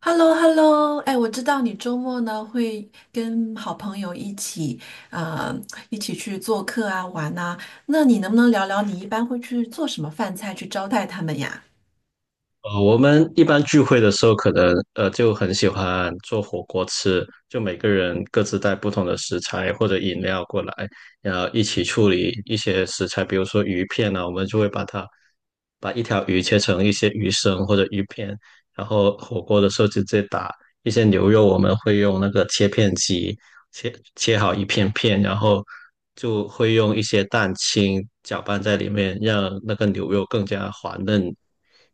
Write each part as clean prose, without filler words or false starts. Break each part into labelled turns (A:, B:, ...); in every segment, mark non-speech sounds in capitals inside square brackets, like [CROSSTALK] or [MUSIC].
A: h e l l o h e l l o 哎，我知道你周末呢会跟好朋友一起，呃，一起去做客啊，玩啊。那你能不能聊聊你一般会去做什么饭菜去招待他们呀？
B: 我们一般聚会的时候，可能就很喜欢做火锅吃，就每个人各自带不同的食材或者饮料过来，然后一起处理一些食材，比如说鱼片啊，我们就会把它一条鱼切成一些鱼生或者鱼片，然后火锅的时候直接打一些牛肉，我们会用那个切片机切好一片片，然后就会用一些蛋清搅拌在里面，让那个牛肉更加滑嫩。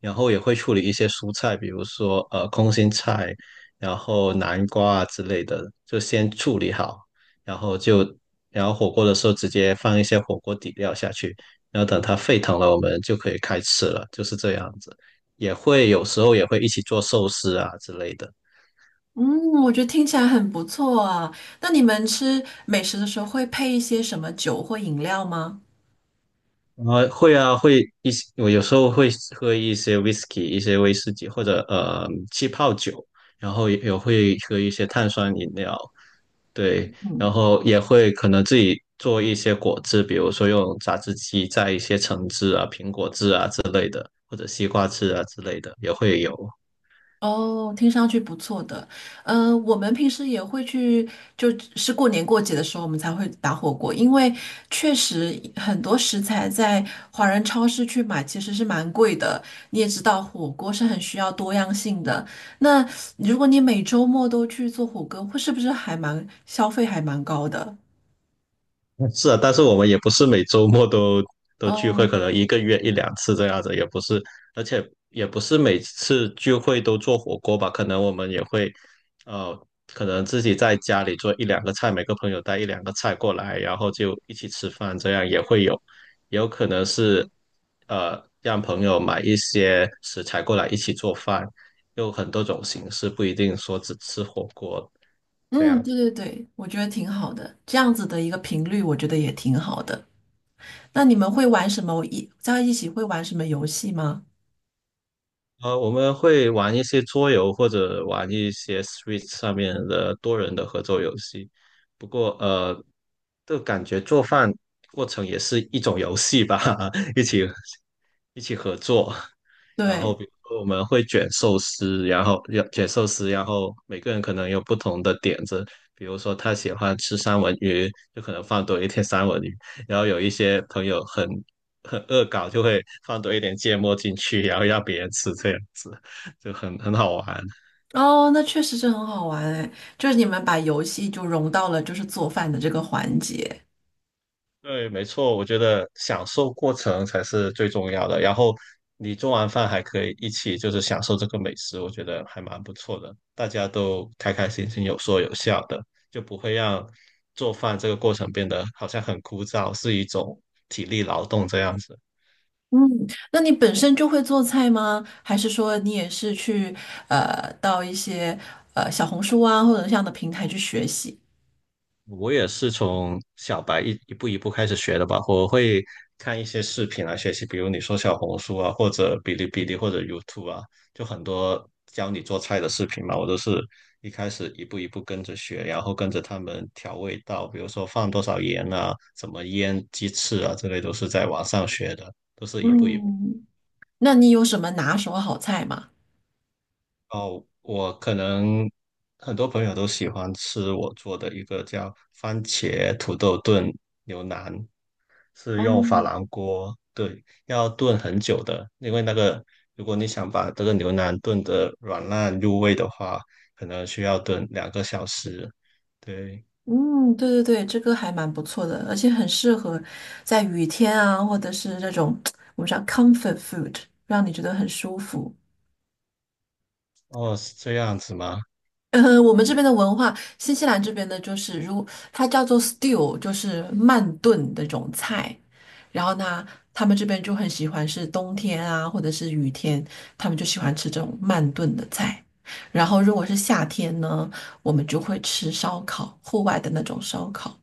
B: 然后也会处理一些蔬菜，比如说空心菜，然后南瓜啊之类的，就先处理好，然后就然后火锅的时候直接放一些火锅底料下去，然后等它沸腾了，我们就可以开吃了，就是这样子。也会有时候也会一起做寿司啊之类的，
A: 嗯，我觉得听起来很不错啊。那你们吃美食的时候会配一些什么酒或饮料吗？
B: 啊，会啊会一起，我有时候会喝一些 whisky，一些威士忌或者气泡酒，然后也会喝一些碳酸饮料。对，然后也会可能自己做一些果汁，比如说用榨汁机榨一些橙汁啊、苹果汁啊或者西瓜汁啊之类的，也会有。
A: 哦，听上去不错的。嗯、我们平时也会去，就是过年过节的时候，我们才会打火锅，因为确实很多食材在华人超市去买其实是蛮贵的。你也知道，火锅是很需要多样性的。那如果你每周末都去做火锅，会是不是还蛮消费还蛮高的？
B: [LAUGHS] 是啊，但是我们也不是每周末都聚会，
A: 哦，
B: 可能一个月一两次这样子，也不是，而且也不是每次聚会都做火锅吧，可能我们也会，呃，可能自己在家里做一两个菜，每个朋友带一两个菜过来，然后就一起吃饭，这样也会有，也有可能是，让朋友买一些食材过来一起做饭，有很多种形式，不一定说只吃火锅这
A: 嗯，
B: 样。
A: 对对对，我觉得挺好的，这样子的一个频率，我觉得也挺好的。那你们会玩什么？一在一起会玩什么游戏吗？
B: 我们会玩一些桌游或者玩一些 Switch 上面的多人的合作游戏。不过，就感觉做饭过程也是一种游戏吧，[LAUGHS] 一起一起合作。[LAUGHS] 然后
A: 对，
B: 比如说我们会卷寿司，然后要卷寿司，然后每个人可能有不同的点子，比如说他喜欢吃三文鱼，就可能放多一点三文鱼，然后有一些朋友很恶搞，就会放多一点芥末进去，然后让别人吃，这样子就很好玩。
A: 哦，那确实是很好玩哎，就是你们把游戏就融到了就是做饭的这个环节。
B: 对，没错，我觉得享受过程才是最重要的。然后你做完饭还可以一起就是享受这个美食，我觉得还蛮不错的。大家都开开心心，有说有笑的，就不会让做饭这个过程变得好像很枯燥，是一种体力劳动这样子。
A: 嗯，那你本身就会做菜吗？还是说你也是去到一些小红书啊或者这样的平台去学习？
B: 我也是从小白一步一步开始学的吧。我会看一些视频来学习，比如你说小红书啊，或者哔哩哔哩或者 YouTube 啊，就很多教你做菜的视频嘛。我都是一开始一步一步跟着学，然后跟着他们调味道，比如说放多少盐啊，怎么腌鸡翅啊，这类都是在网上学的，都是一步一步。
A: 嗯，那你有什么拿手好菜吗？
B: 哦，我可能很多朋友都喜欢吃我做的一个叫番茄土豆炖牛腩，是用珐
A: 哦，
B: 琅锅，对，要炖很久的，因为那个如果你想把这个牛腩炖得软烂入味的话，可能需要炖2个小时。对，
A: 嗯，对对对，这个还蛮不错的，而且很适合在雨天啊，或者是这种 [TSK] 我们叫 comfort food，让你觉得很舒服。
B: 哦，是这样子吗？
A: 我们这边的文化，新西兰这边的就是，如它叫做 stew，就是慢炖的那种菜。然后呢，他们这边就很喜欢是冬天啊，或者是雨天，他们就喜欢吃这种慢炖的菜。然后如果是夏天呢，我们就会吃烧烤，户外的那种烧烤。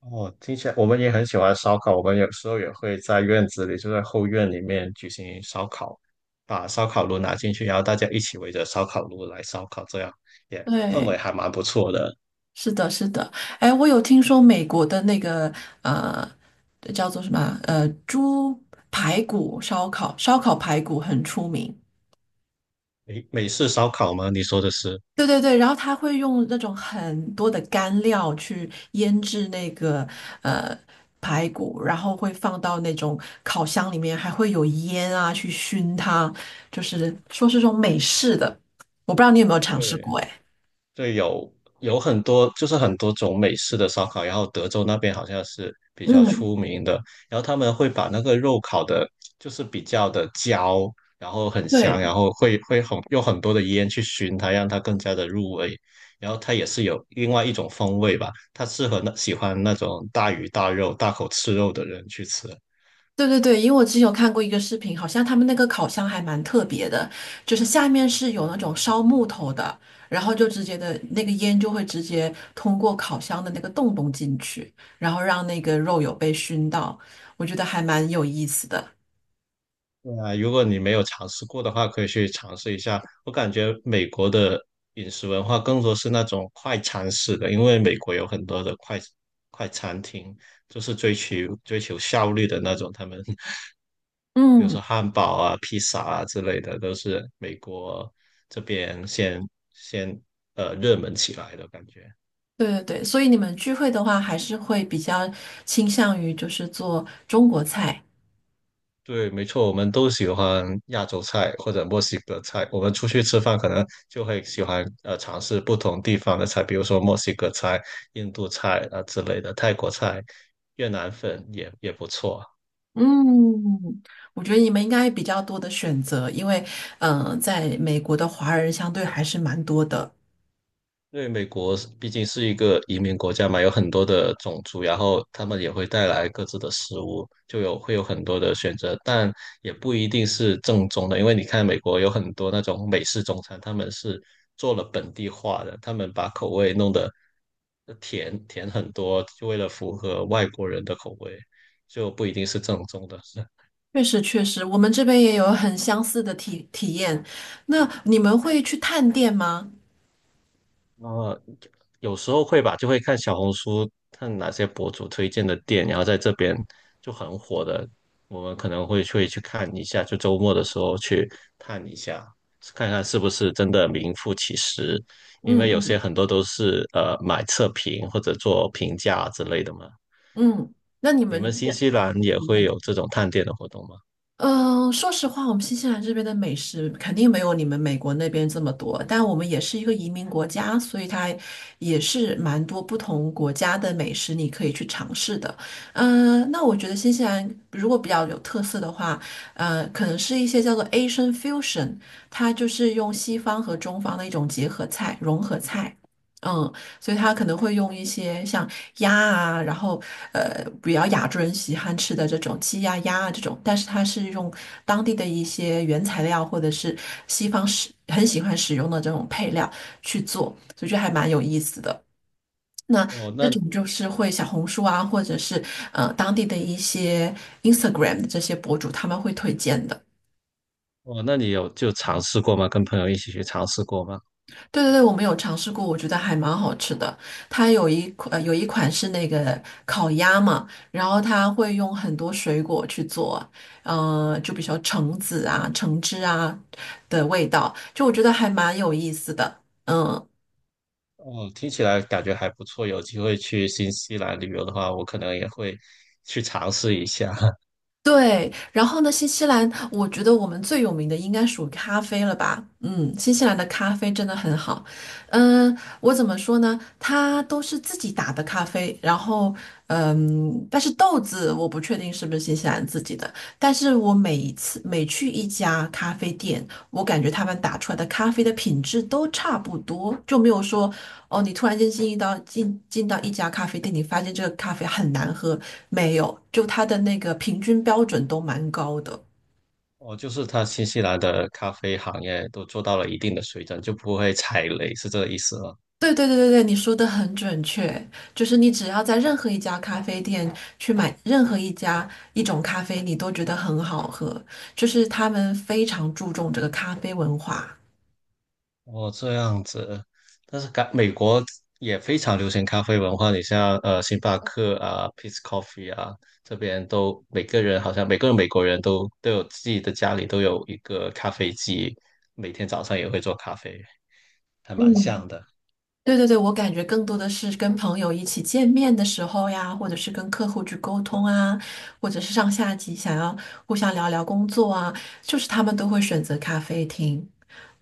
B: 哦，听起来我们也很喜欢烧烤，我们有时候也会在院子里，就在后院里面举行烧烤，把烧烤炉拿进去，然后大家一起围着烧烤炉来烧烤，这样也氛围
A: 对，
B: 还蛮不错的。
A: 是的，是的。哎，我有听说美国的那个呃，叫做什么啊猪排骨烧烤，烧烤排骨很出名。
B: 美式烧烤吗？你说的是？
A: 对对对，然后他会用那种很多的干料去腌制那个呃排骨，然后会放到那种烤箱里面，还会有烟啊去熏它，就是说是这种美式的，我不知道你有没有尝试
B: 对，
A: 过哎。
B: 对，有很多，就是很多种美式的烧烤，然后德州那边好像是比较
A: 嗯，
B: 出名的，然后他们会把那个肉烤的，就是比较的焦，然后很香，
A: 对，
B: 然后会很用很多的烟去熏它，让它更加的入味，然后它也是有另外一种风味吧，它适合那喜欢那种大鱼大肉、大口吃肉的人去吃。
A: 对对对，因为我之前有看过一个视频，好像他们那个烤箱还蛮特别的，就是下面是有那种烧木头的，然后就直接的那个烟就会直接通过烤箱的那个洞洞进去，然后让那个肉有被熏到，我觉得还蛮有意思的。
B: 对啊，如果你没有尝试过的话，可以去尝试一下。我感觉美国的饮食文化更多是那种快餐式的，因为美国有很多的快餐厅，就是追求效率的那种。他们 [LAUGHS] 比如
A: 嗯，
B: 说汉堡啊、披萨啊之类的，都是美国这边先热门起来的感觉。
A: 对对对，所以你们聚会的话，还是会比较倾向于就是做中国菜。
B: 对，没错，我们都喜欢亚洲菜或者墨西哥菜。我们出去吃饭可能就会喜欢尝试不同地方的菜，比如说墨西哥菜、印度菜啊、之类的，泰国菜、越南粉也不错。
A: 嗯，我觉得你们应该比较多的选择，因为嗯、在美国的华人相对还是蛮多的。
B: 因为美国是毕竟是一个移民国家嘛，有很多的种族，然后他们也会带来各自的食物，就有会有很多的选择，但也不一定是正宗的，因为你看美国有很多那种美式中餐，他们是做了本地化的，他们把口味弄得甜甜很多，就为了符合外国人的口味，就不一定是正宗的。[LAUGHS]
A: 确实，确实，我们这边也有很相似的体验。那你们会去探店吗？
B: 呃，有时候会吧，就会看小红书，看哪些博主推荐的店，然后在这边就很火的，我们可能会去看一下，就周末的时候去探一下，看看是不是真的名副其实，因
A: 嗯
B: 为有些
A: 嗯
B: 很多都是买测评或者做评价之类的嘛。
A: 嗯，那你
B: 你们
A: 们
B: 新
A: 的
B: 西兰也
A: 体
B: 会
A: 验？
B: 有这种探店的活动吗？
A: 嗯，说实话，我们新西兰这边的美食肯定没有你们美国那边这么多，但我们也是一个移民国家，所以它也是蛮多不同国家的美食你可以去尝试的。嗯，那我觉得新西兰如果比较有特色的话，可能是一些叫做 Asian fusion，它就是用西方和中方的一种结合菜、融合菜。嗯，所以他可能会用一些像鸭啊，然后比较亚洲人喜欢吃的这种鸡呀、鸭啊这种，但是他是用当地的一些原材料或者是西方使很喜欢使用的这种配料去做，所以就还蛮有意思的。那
B: 哦，
A: 这
B: 那
A: 种就是会小红书啊，或者是当地的一些 Instagram 的这些博主他们会推荐的。
B: 哦，那你有就尝试过吗？跟朋友一起去尝试过吗？
A: 对对对，我们有尝试过，我觉得还蛮好吃的。它有一款、有一款是那个烤鸭嘛，然后它会用很多水果去做，就比如说橙子啊、橙汁啊的味道，就我觉得还蛮有意思的。嗯，
B: 哦，听起来感觉还不错。有机会去新西兰旅游的话，我可能也会去尝试一下。[LAUGHS]
A: 对，然后呢，新西兰，我觉得我们最有名的应该属于咖啡了吧？嗯，新西兰的咖啡真的很好。嗯，我怎么说呢？它都是自己打的咖啡，然后嗯，但是豆子我不确定是不是新西兰自己的，但是我每一次每去一家咖啡店，我感觉他们打出来的咖啡的品质都差不多，就没有说哦，你突然间进到一家咖啡店，你发现这个咖啡很难喝，没有，就它的那个平均标准都蛮高的。
B: 哦，就是它新西兰的咖啡行业都做到了一定的水准，就不会踩雷，是这个意思吗？
A: 对对对对对，你说的很准确，就是你只要在任何一家咖啡店去买任何一种咖啡，你都觉得很好喝，就是他们非常注重这个咖啡文化。
B: 哦，这样子。但是感美国也非常流行咖啡文化，你像星巴克啊、Peet's Coffee 啊，这边都每个人好像每个美国人都有自己的家里都有一个咖啡机，每天早上也会做咖啡，还蛮
A: 嗯。
B: 像的。
A: 对对对，我感觉更多的是跟朋友一起见面的时候呀，或者是跟客户去沟通啊，或者是上下级想要互相聊聊工作啊，就是他们都会选择咖啡厅，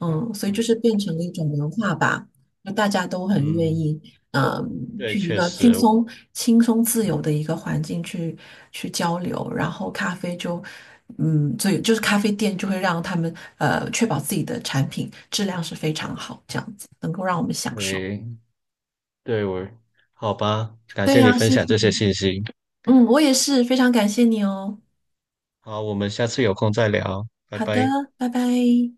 A: 嗯，所以就
B: 嗯。
A: 是变成了一种文化吧，就大家都很愿
B: 嗯，
A: 意，嗯，
B: 对，
A: 去一
B: 确
A: 个轻
B: 实，
A: 松、自由的一个环境去交流，然后咖啡就，嗯，所以就是咖啡店就会让他们确保自己的产品质量是非常好，这样子能够让我们享受。
B: 诶，对我，好吧，感
A: 对
B: 谢你
A: 呀，
B: 分
A: 谢
B: 享
A: 谢
B: 这些
A: 你。
B: 信息。
A: 嗯，我也是，非常感谢你哦。
B: 好，我们下次有空再聊，拜
A: 好的，
B: 拜。
A: 拜拜。